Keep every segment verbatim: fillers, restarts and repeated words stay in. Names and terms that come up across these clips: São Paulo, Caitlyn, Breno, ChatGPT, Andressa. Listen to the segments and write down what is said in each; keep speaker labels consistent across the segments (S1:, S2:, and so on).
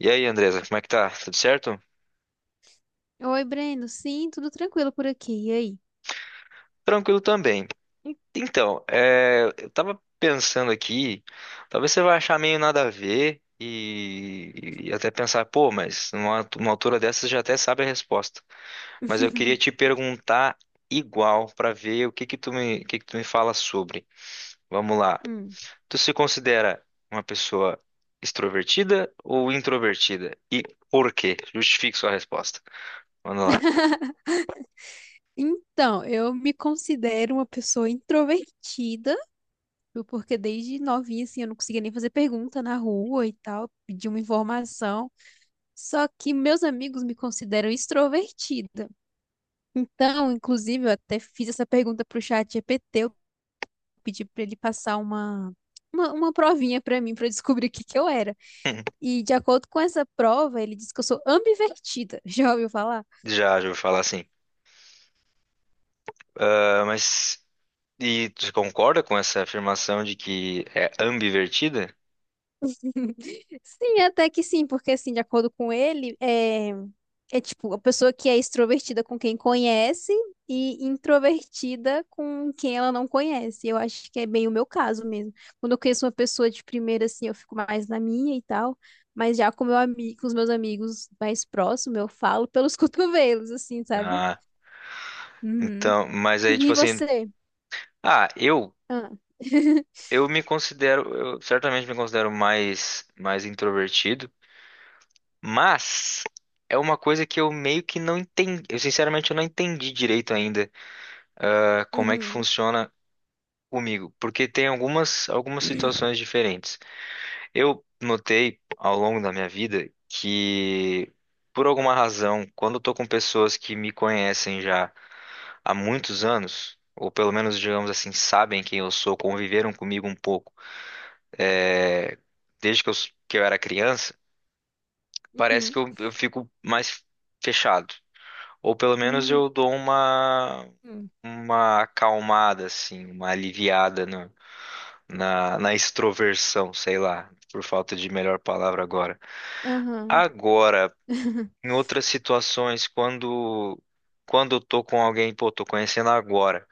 S1: E aí, Andresa, como é que tá? Tudo certo?
S2: Oi, Breno. Sim, tudo tranquilo por aqui. E aí?
S1: Tranquilo também. En- Então, é, eu tava pensando aqui, talvez você vai achar meio nada a ver e, e até pensar, pô, mas numa, numa altura dessa você já até sabe a resposta. Mas eu queria te perguntar igual pra ver o que que tu me, o que que tu me fala sobre. Vamos lá.
S2: Hum.
S1: Tu se considera uma pessoa extrovertida ou introvertida? E por quê? Justifique sua resposta. Vamos lá.
S2: Então, eu me considero uma pessoa introvertida, viu, porque desde novinha, assim, eu não conseguia nem fazer pergunta na rua e tal, pedir uma informação. Só que meus amigos me consideram extrovertida. Então, inclusive, eu até fiz essa pergunta pro chat G P T, eu pedi para ele passar uma, uma, uma provinha para mim, para eu descobrir o que que eu era. E de acordo com essa prova, ele disse que eu sou ambivertida. Já ouviu falar?
S1: Já, já ouvi falar assim. Ah, mas e tu concorda com essa afirmação de que é ambivertida?
S2: Sim, até que sim, porque assim, de acordo com ele, é, é tipo a pessoa que é extrovertida com quem conhece e introvertida com quem ela não conhece. Eu acho que é bem o meu caso mesmo. Quando eu conheço uma pessoa de primeira, assim, eu fico mais na minha e tal, mas já com meu amigo, com os meus amigos mais próximos, eu falo pelos cotovelos, assim, sabe?
S1: Ah,
S2: Uhum.
S1: então, mas aí tipo
S2: E
S1: assim,
S2: você?
S1: ah, eu
S2: Ah.
S1: eu me considero, eu certamente me considero mais mais introvertido, mas é uma coisa que eu meio que não entendi, eu sinceramente eu não entendi direito ainda, ah, como é que
S2: Uhum.
S1: funciona comigo, porque tem algumas algumas situações diferentes. Eu notei ao longo da minha vida que, por alguma razão, quando eu tô com pessoas que me conhecem já há muitos anos, ou pelo menos, digamos assim, sabem quem eu sou, conviveram comigo um pouco, é, desde que eu, s- que eu era criança, parece
S2: Uhum.
S1: que eu, eu fico mais fechado. Ou pelo menos
S2: Uhum.
S1: eu dou uma,
S2: Uhum.
S1: uma acalmada, assim, uma aliviada na, na na extroversão, sei lá, por falta de melhor palavra agora.
S2: Aham.
S1: Agora, em outras situações, quando quando eu tô com alguém, pô, tô conhecendo agora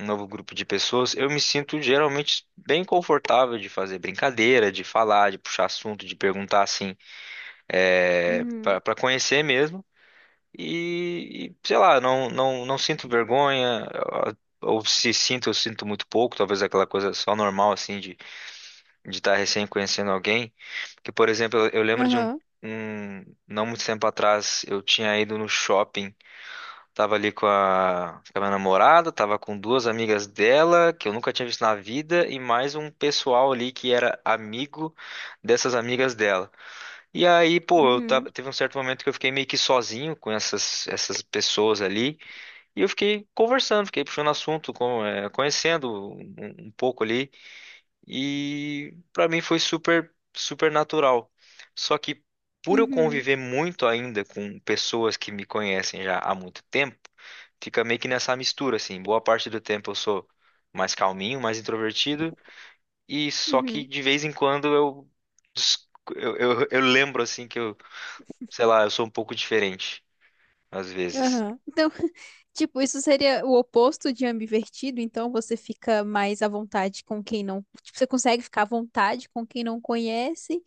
S1: um novo grupo de pessoas, eu me sinto geralmente bem confortável de fazer brincadeira, de falar, de puxar assunto, de perguntar assim, é,
S2: Uhum.
S1: para para conhecer mesmo. E, e, sei lá, não não não sinto vergonha, ah, ou se sinto, eu sinto muito pouco, talvez aquela coisa só normal assim de de estar recém conhecendo alguém. Que, por exemplo, eu eu lembro de um
S2: Aham.
S1: um- não muito tempo atrás, eu tinha ido no shopping. Tava ali com a, com a minha namorada, tava com duas amigas dela, que eu nunca tinha visto na vida, e mais um pessoal ali que era amigo dessas amigas dela. E aí, pô, eu
S2: Uhum,
S1: tava- teve um certo momento que eu fiquei meio que sozinho com essas, essas pessoas ali, e eu fiquei conversando, fiquei puxando assunto, com- eh, conhecendo um, um pouco ali, e pra mim foi super, super natural. Só que por eu
S2: uhum,
S1: conviver muito ainda com pessoas que me conhecem já há muito tempo, fica meio que nessa mistura, assim. Boa parte do tempo eu sou mais calminho, mais introvertido, e só que
S2: uhum,
S1: de vez em quando eu, des- eu, eu, eu lembro, assim, que eu, sei lá, eu sou um pouco diferente, às vezes.
S2: aham. Então, tipo, isso seria o oposto de ambivertido, então você fica mais à vontade com quem não. Tipo, você consegue ficar à vontade com quem não conhece,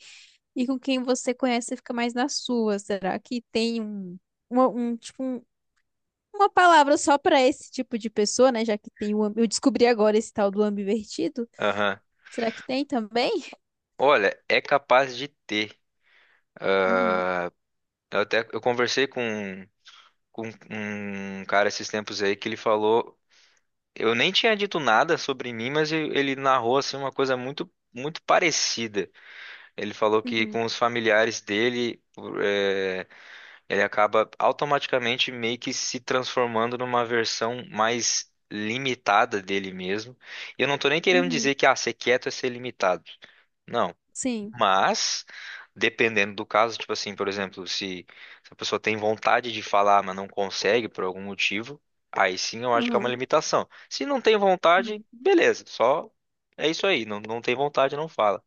S2: e com quem você conhece, você fica mais na sua. Será que tem um, uma, um, tipo, um- uma palavra só para esse tipo de pessoa, né? Já que tem o. am- Eu descobri agora esse tal do ambivertido.
S1: Aham.
S2: Será que tem também?
S1: Olha, é capaz de ter.
S2: Uhum,
S1: Eu até, eu conversei com, com um cara esses tempos aí que ele falou, eu nem tinha dito nada sobre mim, mas eu- ele narrou, assim, uma coisa muito, muito parecida. Ele falou que
S2: uhum,
S1: com os familiares dele, ele acaba automaticamente meio que se transformando numa versão mais limitada dele mesmo. E eu não tô nem querendo
S2: uhum,
S1: dizer que ah, ser quieto é ser limitado. Não,
S2: sim.
S1: mas dependendo do caso, tipo assim, por exemplo, se, se a pessoa tem vontade de falar, mas não consegue por algum motivo, aí sim eu acho que é uma
S2: Uhum,
S1: limitação. Se não tem
S2: uhum,
S1: vontade, beleza, só é isso aí, não, não tem vontade, não fala.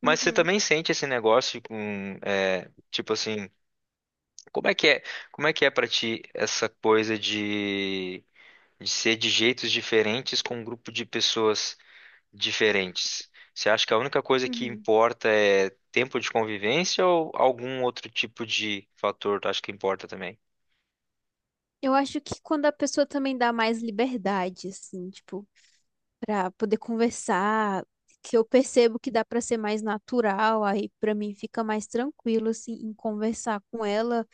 S1: Mas você
S2: uhum,
S1: também sente esse negócio com, é, tipo assim, como é que é, como é que é para ti essa coisa de, de ser de jeitos diferentes com um grupo de pessoas diferentes? Você acha que a única coisa que
S2: uhum.
S1: importa é tempo de convivência ou algum outro tipo de fator tu acha que importa também?
S2: Eu acho que quando a pessoa também dá mais liberdade, assim, tipo, pra poder conversar, que eu percebo que dá pra ser mais natural, aí pra mim fica mais tranquilo, assim, em conversar com ela,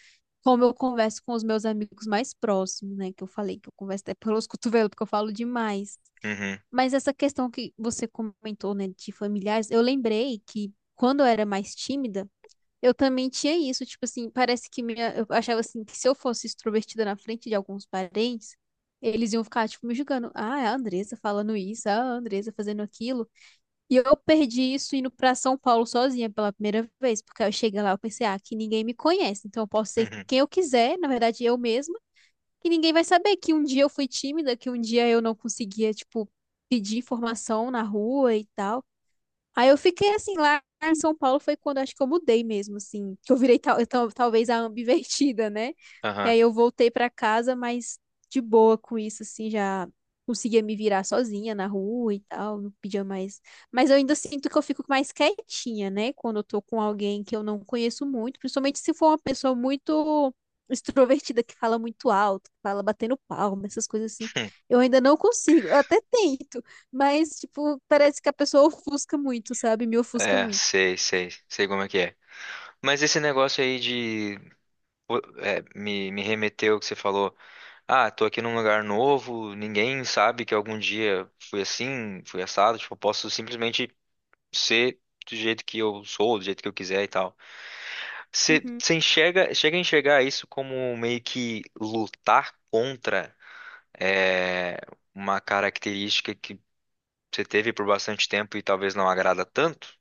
S2: como eu converso com os meus amigos mais próximos, né? Que eu falei que eu converso até pelos cotovelos, porque eu falo demais.
S1: Uhum,
S2: Mas essa questão que você comentou, né, de familiares, eu lembrei que quando eu era mais tímida, eu também tinha isso, tipo assim, parece que minha, eu achava assim que se eu fosse extrovertida na frente de alguns parentes, eles iam ficar tipo me julgando. Ah, é a Andressa falando isso, ah, a Andressa fazendo aquilo. E eu perdi isso indo pra São Paulo sozinha pela primeira vez, porque eu cheguei lá, eu pensei, ah, que ninguém me conhece, então eu posso ser
S1: uhum,
S2: quem eu quiser, na verdade eu mesma, que ninguém vai saber que um dia eu fui tímida, que um dia eu não conseguia, tipo, pedir informação na rua e tal. Aí eu fiquei assim lá em São Paulo foi quando acho que eu mudei mesmo, assim, que eu virei tal, tal- talvez a ambivertida, né? E
S1: aham.
S2: aí eu voltei pra casa, mas de boa com isso, assim, já conseguia me virar sozinha na rua e tal, não pedia mais. Mas eu ainda sinto que eu fico mais quietinha, né? Quando eu tô com alguém que eu não conheço muito, principalmente se for uma pessoa muito extrovertida, que fala muito alto, que fala batendo palma, essas coisas assim.
S1: Hum,
S2: Eu ainda não consigo, eu até tento. Mas, tipo, parece que a pessoa ofusca muito, sabe? Me ofusca
S1: é,
S2: muito.
S1: sei, sei, sei como é que é. Mas esse negócio aí de, pô, é, me, me remeteu ao que você falou. Ah, tô aqui num lugar novo, ninguém sabe que algum dia fui assim, fui assado, tipo, eu posso simplesmente ser do jeito que eu sou, do jeito que eu quiser e tal. Você
S2: Uhum.
S1: você enxerga, chega a enxergar isso como meio que lutar contra é, uma característica que você teve por bastante tempo e talvez não agrada tanto?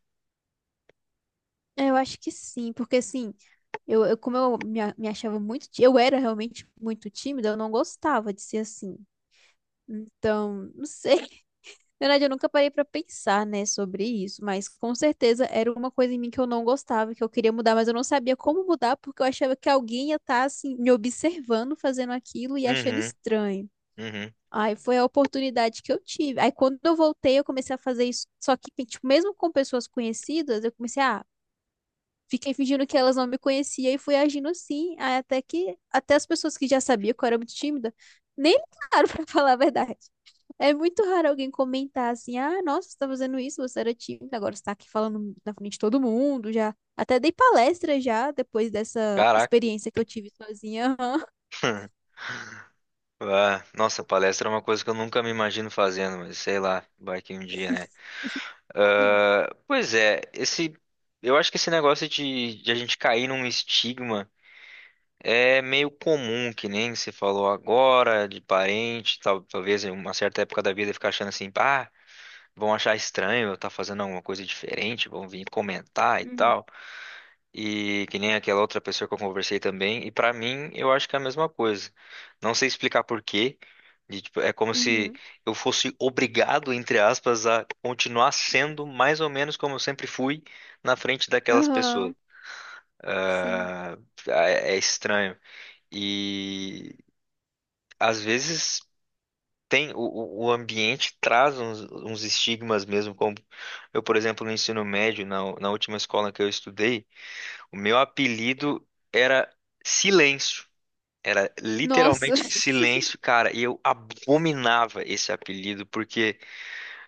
S2: É, eu acho que sim, porque assim, eu, eu- como eu me, a- me achava muito, tí- eu era realmente muito tímida, eu não gostava de ser assim. Então, não sei, na verdade, eu nunca parei pra pensar, né, sobre isso, mas com certeza era uma coisa em mim que eu não gostava, que eu queria mudar, mas eu não sabia como mudar porque eu achava que alguém ia estar assim me observando fazendo aquilo e achando
S1: Uhum,
S2: estranho.
S1: uhum.
S2: Aí foi a oportunidade que eu tive. Aí quando eu voltei, eu comecei a fazer isso, só que tipo, mesmo com pessoas conhecidas, eu comecei a Fiquei fingindo que elas não me conheciam e fui agindo assim, aí até que até as pessoas que já sabiam que eu era muito tímida, nem ligaram pra falar a verdade. É muito raro alguém comentar assim: "Ah, nossa, você tá fazendo isso, você era tímida, agora você tá aqui falando na frente de todo mundo, já até dei palestra já depois dessa
S1: Caraca.
S2: experiência que eu tive sozinha".
S1: Ah, nossa, palestra é uma coisa que eu nunca me imagino fazendo, mas sei lá, vai que um dia, né? Pois é, esse, eu acho que esse negócio de, de a gente cair num estigma é meio comum, que nem você falou agora, de parente, tal- talvez em uma certa época da vida ficar achando assim, ah, vão achar estranho eu estar fazendo alguma coisa diferente, vão vir comentar e
S2: Aham. Uhum,
S1: tal. E que nem aquela outra pessoa que eu conversei também. E pra mim, eu acho que é a mesma coisa. Não sei explicar por quê, de, tipo, é como se
S2: uhum.
S1: eu fosse obrigado, entre aspas, a continuar sendo mais ou menos como eu sempre fui na frente daquelas pessoas.
S2: Aham, sim.
S1: Ah, é, é estranho. E às vezes tem o, o o ambiente traz uns, uns estigmas mesmo, como eu, por exemplo, no ensino médio, na, na última escola que eu estudei, o meu apelido era Silêncio. Era
S2: Nossa.
S1: literalmente silêncio, cara. E eu abominava esse apelido, porque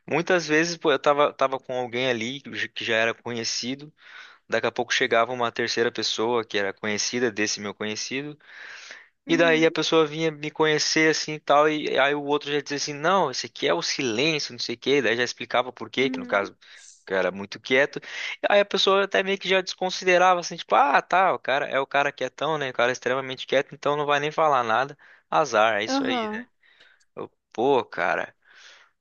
S1: muitas vezes, pô, eu tava, tava com alguém ali que j- que já era conhecido. Daqui a pouco chegava uma terceira pessoa que era conhecida desse meu conhecido. E daí a
S2: Uhum,
S1: pessoa vinha me conhecer assim e tal, e aí o outro já dizia assim, não, esse aqui é o silêncio, não sei o quê, daí já explicava por quê, que no
S2: uhum.
S1: caso o cara era muito quieto. Aí a pessoa até meio que já desconsiderava assim, tipo, ah, tá, o cara é o cara quietão, né? O cara é extremamente quieto, então não vai nem falar nada. Azar, é isso aí, né?
S2: Aham.
S1: Eu, Pô, cara,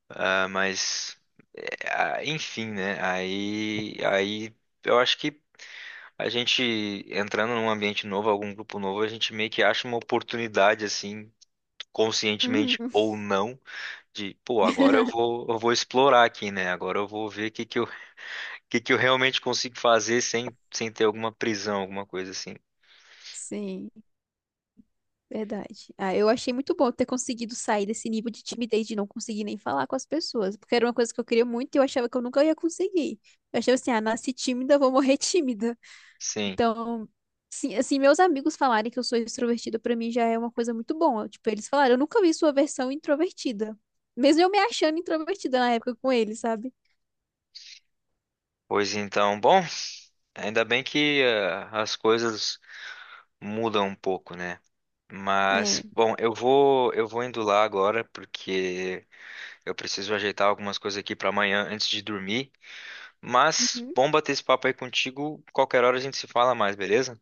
S1: ah, mas é, ah, enfim, né? Aí, aí eu acho que a gente entrando num ambiente novo, algum grupo novo, a gente meio que acha uma oportunidade assim conscientemente
S2: Uhum.
S1: ou não, de, pô, agora eu vou, eu vou explorar aqui, né? Agora eu vou ver o que que eu, que que eu realmente consigo fazer sem, sem ter alguma prisão, alguma coisa assim.
S2: Sim, verdade. Ah, eu achei muito bom ter conseguido sair desse nível de timidez de não conseguir nem falar com as pessoas, porque era uma coisa que eu queria muito e eu achava que eu nunca ia conseguir. Eu achava assim, ah, nasci tímida, vou morrer tímida.
S1: Sim.
S2: Então, sim, assim, meus amigos falarem que eu sou extrovertida pra mim já é uma coisa muito boa. Tipo, eles falaram, eu nunca vi sua versão introvertida. Mesmo eu me achando introvertida na época com eles, sabe?
S1: Pois então, bom, ainda bem que eh, as coisas mudam um pouco, né? Mas,
S2: É.
S1: bom, eu vou, eu vou indo lá agora porque eu preciso ajeitar algumas coisas aqui para amanhã antes de dormir. Mas,
S2: Uhum.
S1: bom bater esse papo aí contigo. Qualquer hora a gente se fala mais, beleza?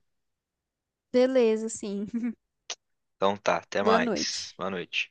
S2: Beleza, sim.
S1: Então tá, até
S2: Boa
S1: mais.
S2: noite.
S1: Boa noite.